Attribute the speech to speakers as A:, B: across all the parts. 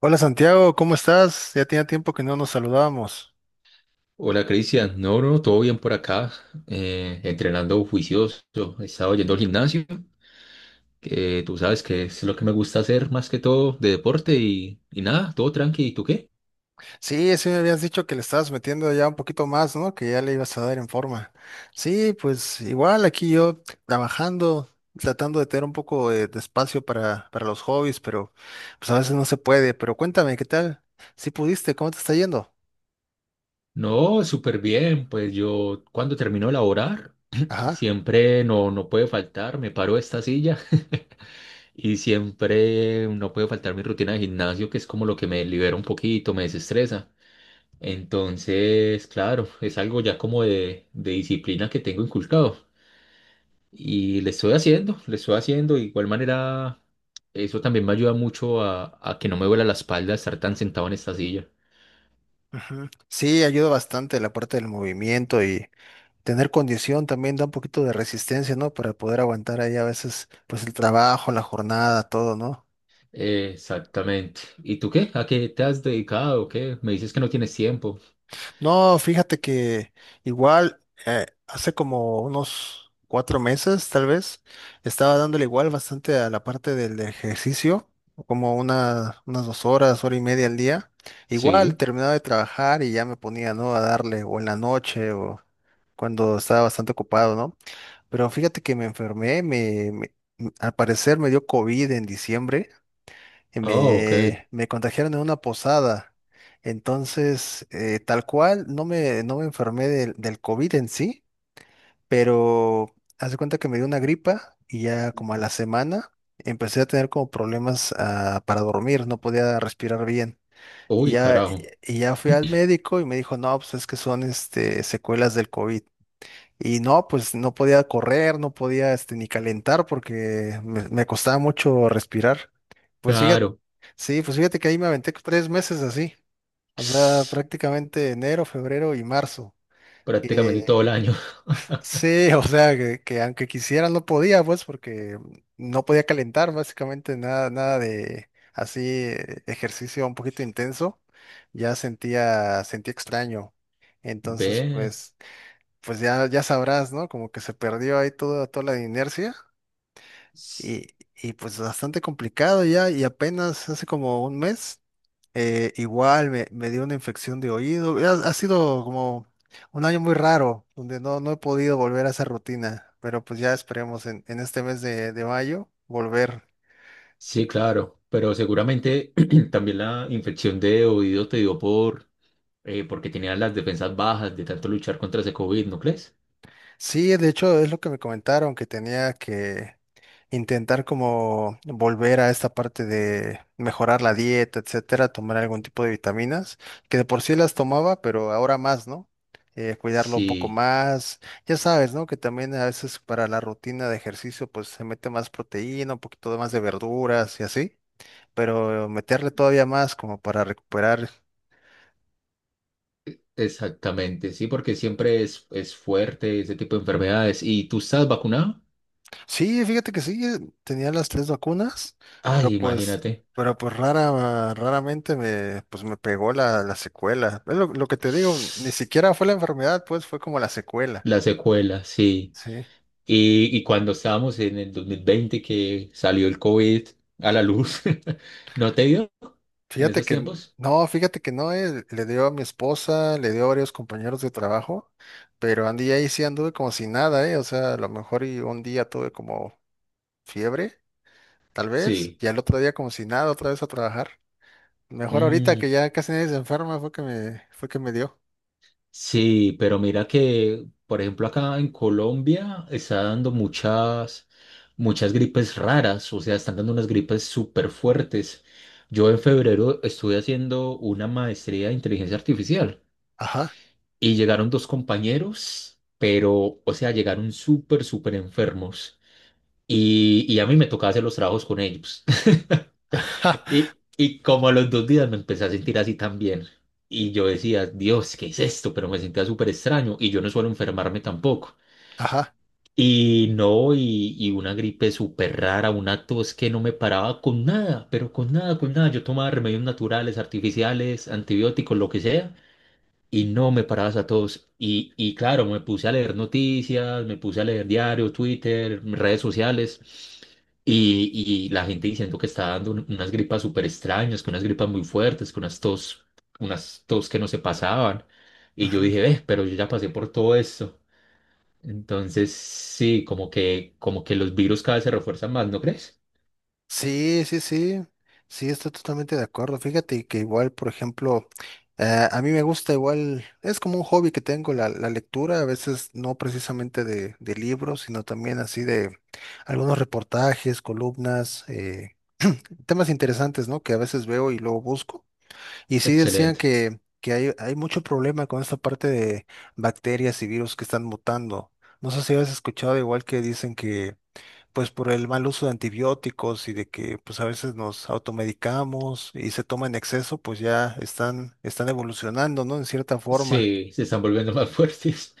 A: Hola Santiago, ¿cómo estás? Ya tenía tiempo que no nos saludábamos.
B: Hola Cristian, no, no, todo bien por acá, entrenando juicioso. He estado yendo al gimnasio, que tú sabes que es lo que me gusta hacer más que todo de deporte y nada, todo tranqui. ¿Y tú qué?
A: Sí, sí me habías dicho que le estabas metiendo ya un poquito más, ¿no? Que ya le ibas a dar en forma. Sí, pues igual aquí yo trabajando, tratando de tener un poco de espacio para los hobbies, pero pues a veces no se puede. Pero cuéntame, ¿qué tal? ¿Si pudiste? ¿Cómo te está yendo?
B: No, súper bien, pues yo cuando termino de laborar,
A: Ajá.
B: siempre no, no puede faltar, me paro de esta silla. Y siempre no puede faltar mi rutina de gimnasio, que es como lo que me libera un poquito, me desestresa. Entonces, claro, es algo ya como de disciplina que tengo inculcado. Y le estoy haciendo, le estoy haciendo. De igual manera, eso también me ayuda mucho a que no me duela la espalda estar tan sentado en esta silla.
A: Ujú. Sí, ayuda bastante la parte del movimiento y tener condición también da un poquito de resistencia, ¿no? Para poder aguantar ahí a veces, pues el trabajo, la jornada, todo, ¿no?
B: Exactamente. ¿Y tú qué? ¿A qué te has dedicado? ¿Qué? Me dices que no tienes tiempo.
A: No, fíjate que igual hace como unos 4 meses, tal vez, estaba dándole igual bastante a la parte del ejercicio, como unas 2 horas, hora y media al día. Igual
B: Sí.
A: terminaba de trabajar y ya me ponía, ¿no? A darle, o en la noche, o cuando estaba bastante ocupado, ¿no? Pero fíjate que me enfermé, al parecer me dio COVID en diciembre y
B: Ah, ok.
A: me contagiaron en una posada. Entonces, tal cual, no me enfermé del COVID en sí, pero haz de cuenta que me dio una gripa y ya como a la semana empecé a tener como problemas para dormir, no podía respirar bien. Y
B: Uy,
A: ya,
B: carajo.
A: y ya fui al médico y me dijo, no, pues es que son este, secuelas del COVID. Y no, pues no podía correr, no podía este, ni calentar porque me costaba mucho respirar. Pues fíjate,
B: Claro.
A: sí, pues fíjate que ahí me aventé 3 meses así, o sea, prácticamente enero, febrero y marzo.
B: Prácticamente todo
A: Que
B: el año.
A: sí, o sea, que aunque quisiera no podía, pues, porque no podía calentar básicamente nada, nada de así ejercicio un poquito intenso, ya sentía extraño. Entonces,
B: Ve.
A: pues, pues ya, ya sabrás, ¿no? Como que se perdió ahí toda la inercia.
B: S-
A: Y, y pues bastante complicado ya, y apenas hace como un mes, igual me dio una infección de oído. Ha sido como un año muy raro, donde no he podido volver a esa rutina, pero pues ya esperemos en este mes de mayo volver.
B: Sí, claro. Pero seguramente también la infección de oído te dio por porque tenían las defensas bajas de tanto luchar contra ese COVID, ¿no crees?
A: Sí, de hecho es lo que me comentaron, que tenía que intentar como volver a esta parte de mejorar la dieta, etcétera, tomar algún tipo de vitaminas, que de por sí las tomaba, pero ahora más, ¿no? Cuidarlo un poco
B: Sí,
A: más. Ya sabes, ¿no? Que también a veces para la rutina de ejercicio, pues se mete más proteína, un poquito más de verduras y así, pero meterle todavía más como para recuperar.
B: exactamente, sí, porque siempre es fuerte ese tipo de enfermedades. ¿Y tú estás vacunado?
A: Sí, fíjate que sí, tenía las 3 vacunas, pero
B: Ay,
A: pues,
B: imagínate.
A: pero pues rara, raramente pues me pegó la secuela. Es lo que te digo, ni siquiera fue la enfermedad, pues fue como la secuela.
B: La secuela, sí.
A: Sí.
B: Y cuando estábamos en el 2020 que salió el COVID a la luz, ¿no te dio en
A: Fíjate
B: esos
A: que,
B: tiempos?
A: no, fíjate que no, le dio a mi esposa, le dio a varios compañeros de trabajo, pero Andy ahí sí anduve como si nada, eh. O sea, a lo mejor y un día tuve como fiebre, tal vez,
B: Sí.
A: y al otro día como si nada, otra vez a trabajar. Mejor ahorita
B: Mm,
A: que ya casi nadie se enferma fue que fue que me dio.
B: sí, pero mira que, por ejemplo, acá en Colombia está dando muchas, muchas gripes raras. O sea, están dando unas gripes súper fuertes. Yo en febrero estuve haciendo una maestría de inteligencia artificial
A: Ajá,
B: y llegaron dos compañeros, pero, o sea, llegaron súper, súper enfermos, y a mí me tocaba hacer los trabajos con ellos.
A: ajá,
B: Y como a los 2 días me empecé a sentir así también. Y yo decía: "Dios, ¿qué es esto?". Pero me sentía súper extraño y yo no suelo enfermarme tampoco.
A: ajá.
B: Y no, y una gripe súper rara, una tos que no me paraba con nada, pero con nada, con nada. Yo tomaba remedios naturales, artificiales, antibióticos, lo que sea y no me parabas a todos. Y claro, me puse a leer noticias, me puse a leer diarios, Twitter, redes sociales. Y, y la gente diciendo que estaba dando unas gripas súper extrañas, que unas gripas muy fuertes, que unas tos que no se pasaban. Y yo
A: Ujú.
B: dije: "Ve, pero yo ya pasé por todo esto". Entonces, sí, como que los virus cada vez se refuerzan más, ¿no crees?
A: Sí, sí, sí, sí, estoy totalmente de acuerdo. Fíjate que igual, por ejemplo, a mí me gusta igual, es como un hobby que tengo la lectura, a veces no precisamente de libros, sino también así de algunos reportajes, columnas, temas interesantes, ¿no? Que a veces veo y luego busco. Y sí decían
B: Excelente.
A: que hay mucho problema con esta parte de bacterias y virus que están mutando. No sé si habías escuchado igual que dicen que pues por el mal uso de antibióticos y de que pues a veces nos automedicamos y se toma en exceso, pues ya están, están evolucionando, ¿no? En cierta forma.
B: Sí, se están volviendo más fuertes.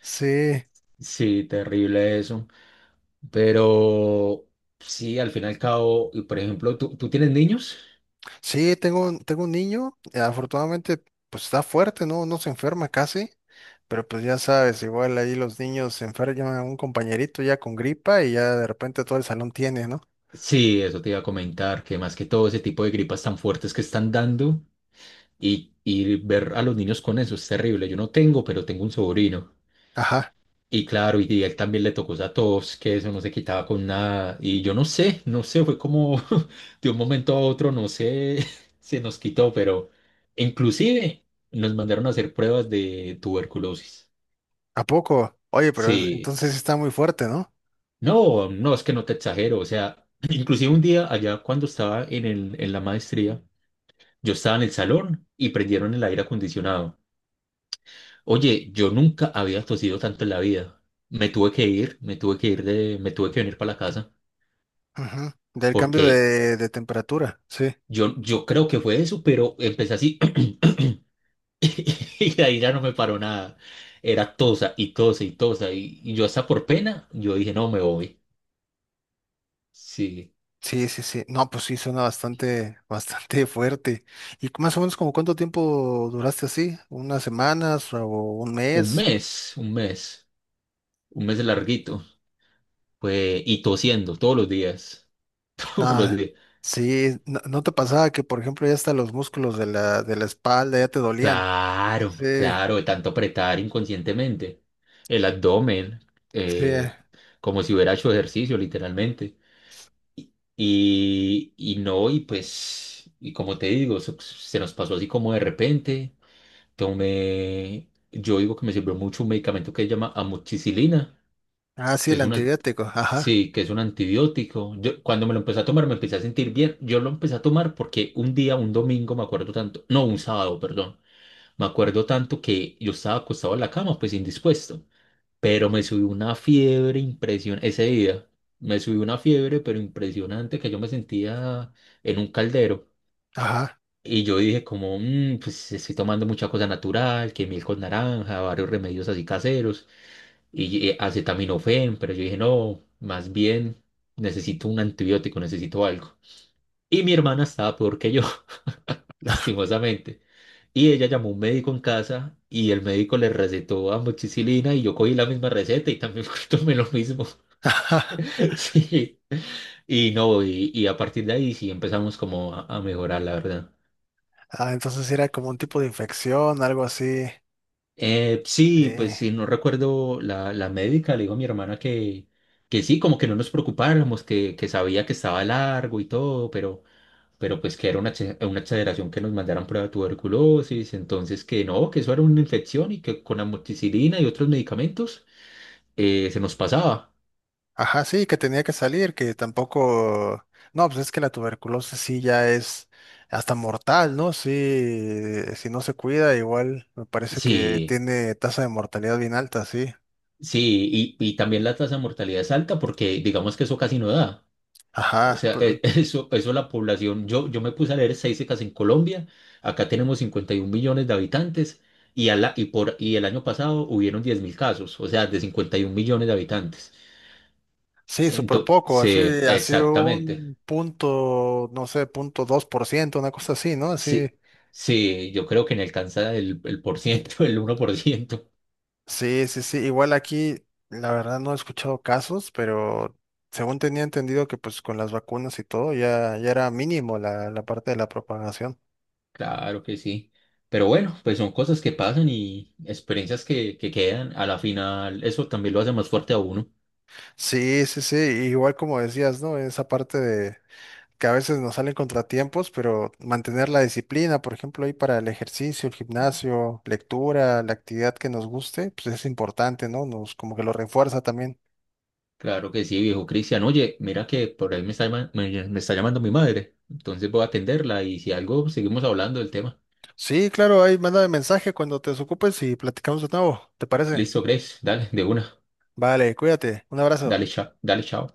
A: Sí,
B: Sí, terrible eso. Pero sí, al fin y al cabo, y por ejemplo, ¿tú tienes niños?
A: sí, tengo, tengo un niño, afortunadamente pues está fuerte, ¿no? No se enferma casi, pero pues ya sabes, igual ahí los niños se enferman a un compañerito ya con gripa y ya de repente todo el salón tiene, ¿no?
B: Sí, eso te iba a comentar, que más que todo ese tipo de gripas tan fuertes que están dando y ver a los niños con eso es terrible. Yo no tengo, pero tengo un sobrino.
A: Ajá,
B: Y claro, y a él también le tocó esa tos, que eso no se quitaba con nada. Y yo no sé, no sé, fue como de un momento a otro, no sé, se nos quitó, pero inclusive nos mandaron a hacer pruebas de tuberculosis.
A: ¿a poco? Oye, pero es...
B: Sí.
A: entonces sí está muy fuerte, ¿no?
B: No, no, es que no te exagero. O sea, inclusive un día allá cuando estaba en la maestría, yo estaba en el salón y prendieron el aire acondicionado. Oye, yo nunca había tosido tanto en la vida. Me tuve que venir para la casa
A: Ujú. Del cambio
B: porque
A: de temperatura, sí.
B: yo creo que fue eso, pero empecé así y de ahí ya no me paró nada. Era tosa y tosa y tosa y yo hasta por pena, yo dije: "No, me voy". Sí,
A: Sí, sí, sí. No, pues sí, suena bastante, bastante fuerte. ¿Y más o menos como cuánto tiempo duraste así? ¿Unas semanas o un
B: un
A: mes?
B: mes, un mes, un mes larguito. Pues, y tosiendo todos los días. Todos los
A: Nada.
B: días.
A: Sí, no, ¿no te pasaba que, por ejemplo, ya hasta los músculos de de la espalda ya te dolían? Sí,
B: Claro, claro, de tanto apretar inconscientemente el abdomen,
A: sí.
B: eh, como si hubiera hecho ejercicio, literalmente. Y no, y pues, y como te digo, se nos pasó así como de repente. Tomé, yo digo que me sirvió mucho un medicamento que se llama amoxicilina,
A: Ah, sí,
B: que
A: el
B: es un, al-
A: antibiótico. Ajá,
B: Sí, que es un antibiótico. Yo, cuando me lo empecé a tomar me empecé a sentir bien. Yo lo empecé a tomar porque un día, un domingo, me acuerdo tanto, no, un sábado, perdón, me acuerdo tanto que yo estaba acostado en la cama, pues indispuesto, pero me subió una fiebre impresionante ese día. Me subió una fiebre, pero impresionante, que yo me sentía en un caldero.
A: ajá.
B: Y yo dije como: "Mm, pues estoy tomando mucha cosa natural, que miel con naranja, varios remedios así caseros y acetaminofén, pero", yo dije, "no, más bien necesito un antibiótico, necesito algo". Y mi hermana estaba peor que yo, lastimosamente. Y ella llamó a un médico en casa y el médico le recetó amoxicilina y yo cogí la misma receta y también tomé lo mismo. Sí. Y no, y a partir de ahí sí empezamos como a mejorar, la verdad.
A: Ah, entonces era como un tipo de infección, algo así. Sí.
B: Sí, pues si no recuerdo, la médica le dijo a mi hermana que sí, como que no nos preocupáramos, que sabía que estaba largo y todo, pero, pues que era una exageración que nos mandaran prueba de tuberculosis, entonces que no, que eso era una infección y que con amoxicilina y otros medicamentos se nos pasaba.
A: Ajá, sí, que tenía que salir, que tampoco... No, pues es que la tuberculosis sí ya es hasta mortal, ¿no? Sí, si no se cuida, igual me parece que
B: Sí,
A: tiene tasa de mortalidad bien alta, sí.
B: sí, y también la tasa de mortalidad es alta porque digamos que eso casi no da. O
A: Ajá,
B: sea,
A: pero...
B: eso la población. Yo me puse a leer estadísticas en Colombia. Acá tenemos 51 millones de habitantes y, a la- y, por, y el año pasado hubieron 10.000 casos, o sea, de 51 millones de habitantes.
A: sí, súper poco, así,
B: Entonces,
A: así
B: exactamente.
A: un punto, no sé, 0,2%, una cosa así, ¿no? Así,
B: Sí, sí, yo creo que no alcanza el por ciento, el 1%.
A: sí, sí, sí, igual aquí, la verdad no he escuchado casos, pero... Según tenía entendido que pues con las vacunas y todo ya, ya era mínimo la parte de la propagación.
B: Claro que sí. Pero bueno, pues son cosas que pasan y experiencias que quedan. A la final, eso también lo hace más fuerte a uno.
A: Sí, sí, sí, igual como decías, ¿no? Esa parte de que a veces nos salen contratiempos, pero mantener la disciplina, por ejemplo, ahí para el ejercicio, el gimnasio, lectura, la actividad que nos guste, pues es importante, ¿no? Nos como que lo refuerza también.
B: Claro que sí, viejo Cristian. Oye, mira que por ahí me está, me está llamando mi madre. Entonces voy a atenderla y si algo, seguimos hablando del tema.
A: Sí, claro, ahí manda mensaje cuando te desocupes y platicamos de nuevo, ¿te parece?
B: Listo, Grace. Dale, de una.
A: Vale, cuídate, un abrazo.
B: Dale, chao. Dale, chao.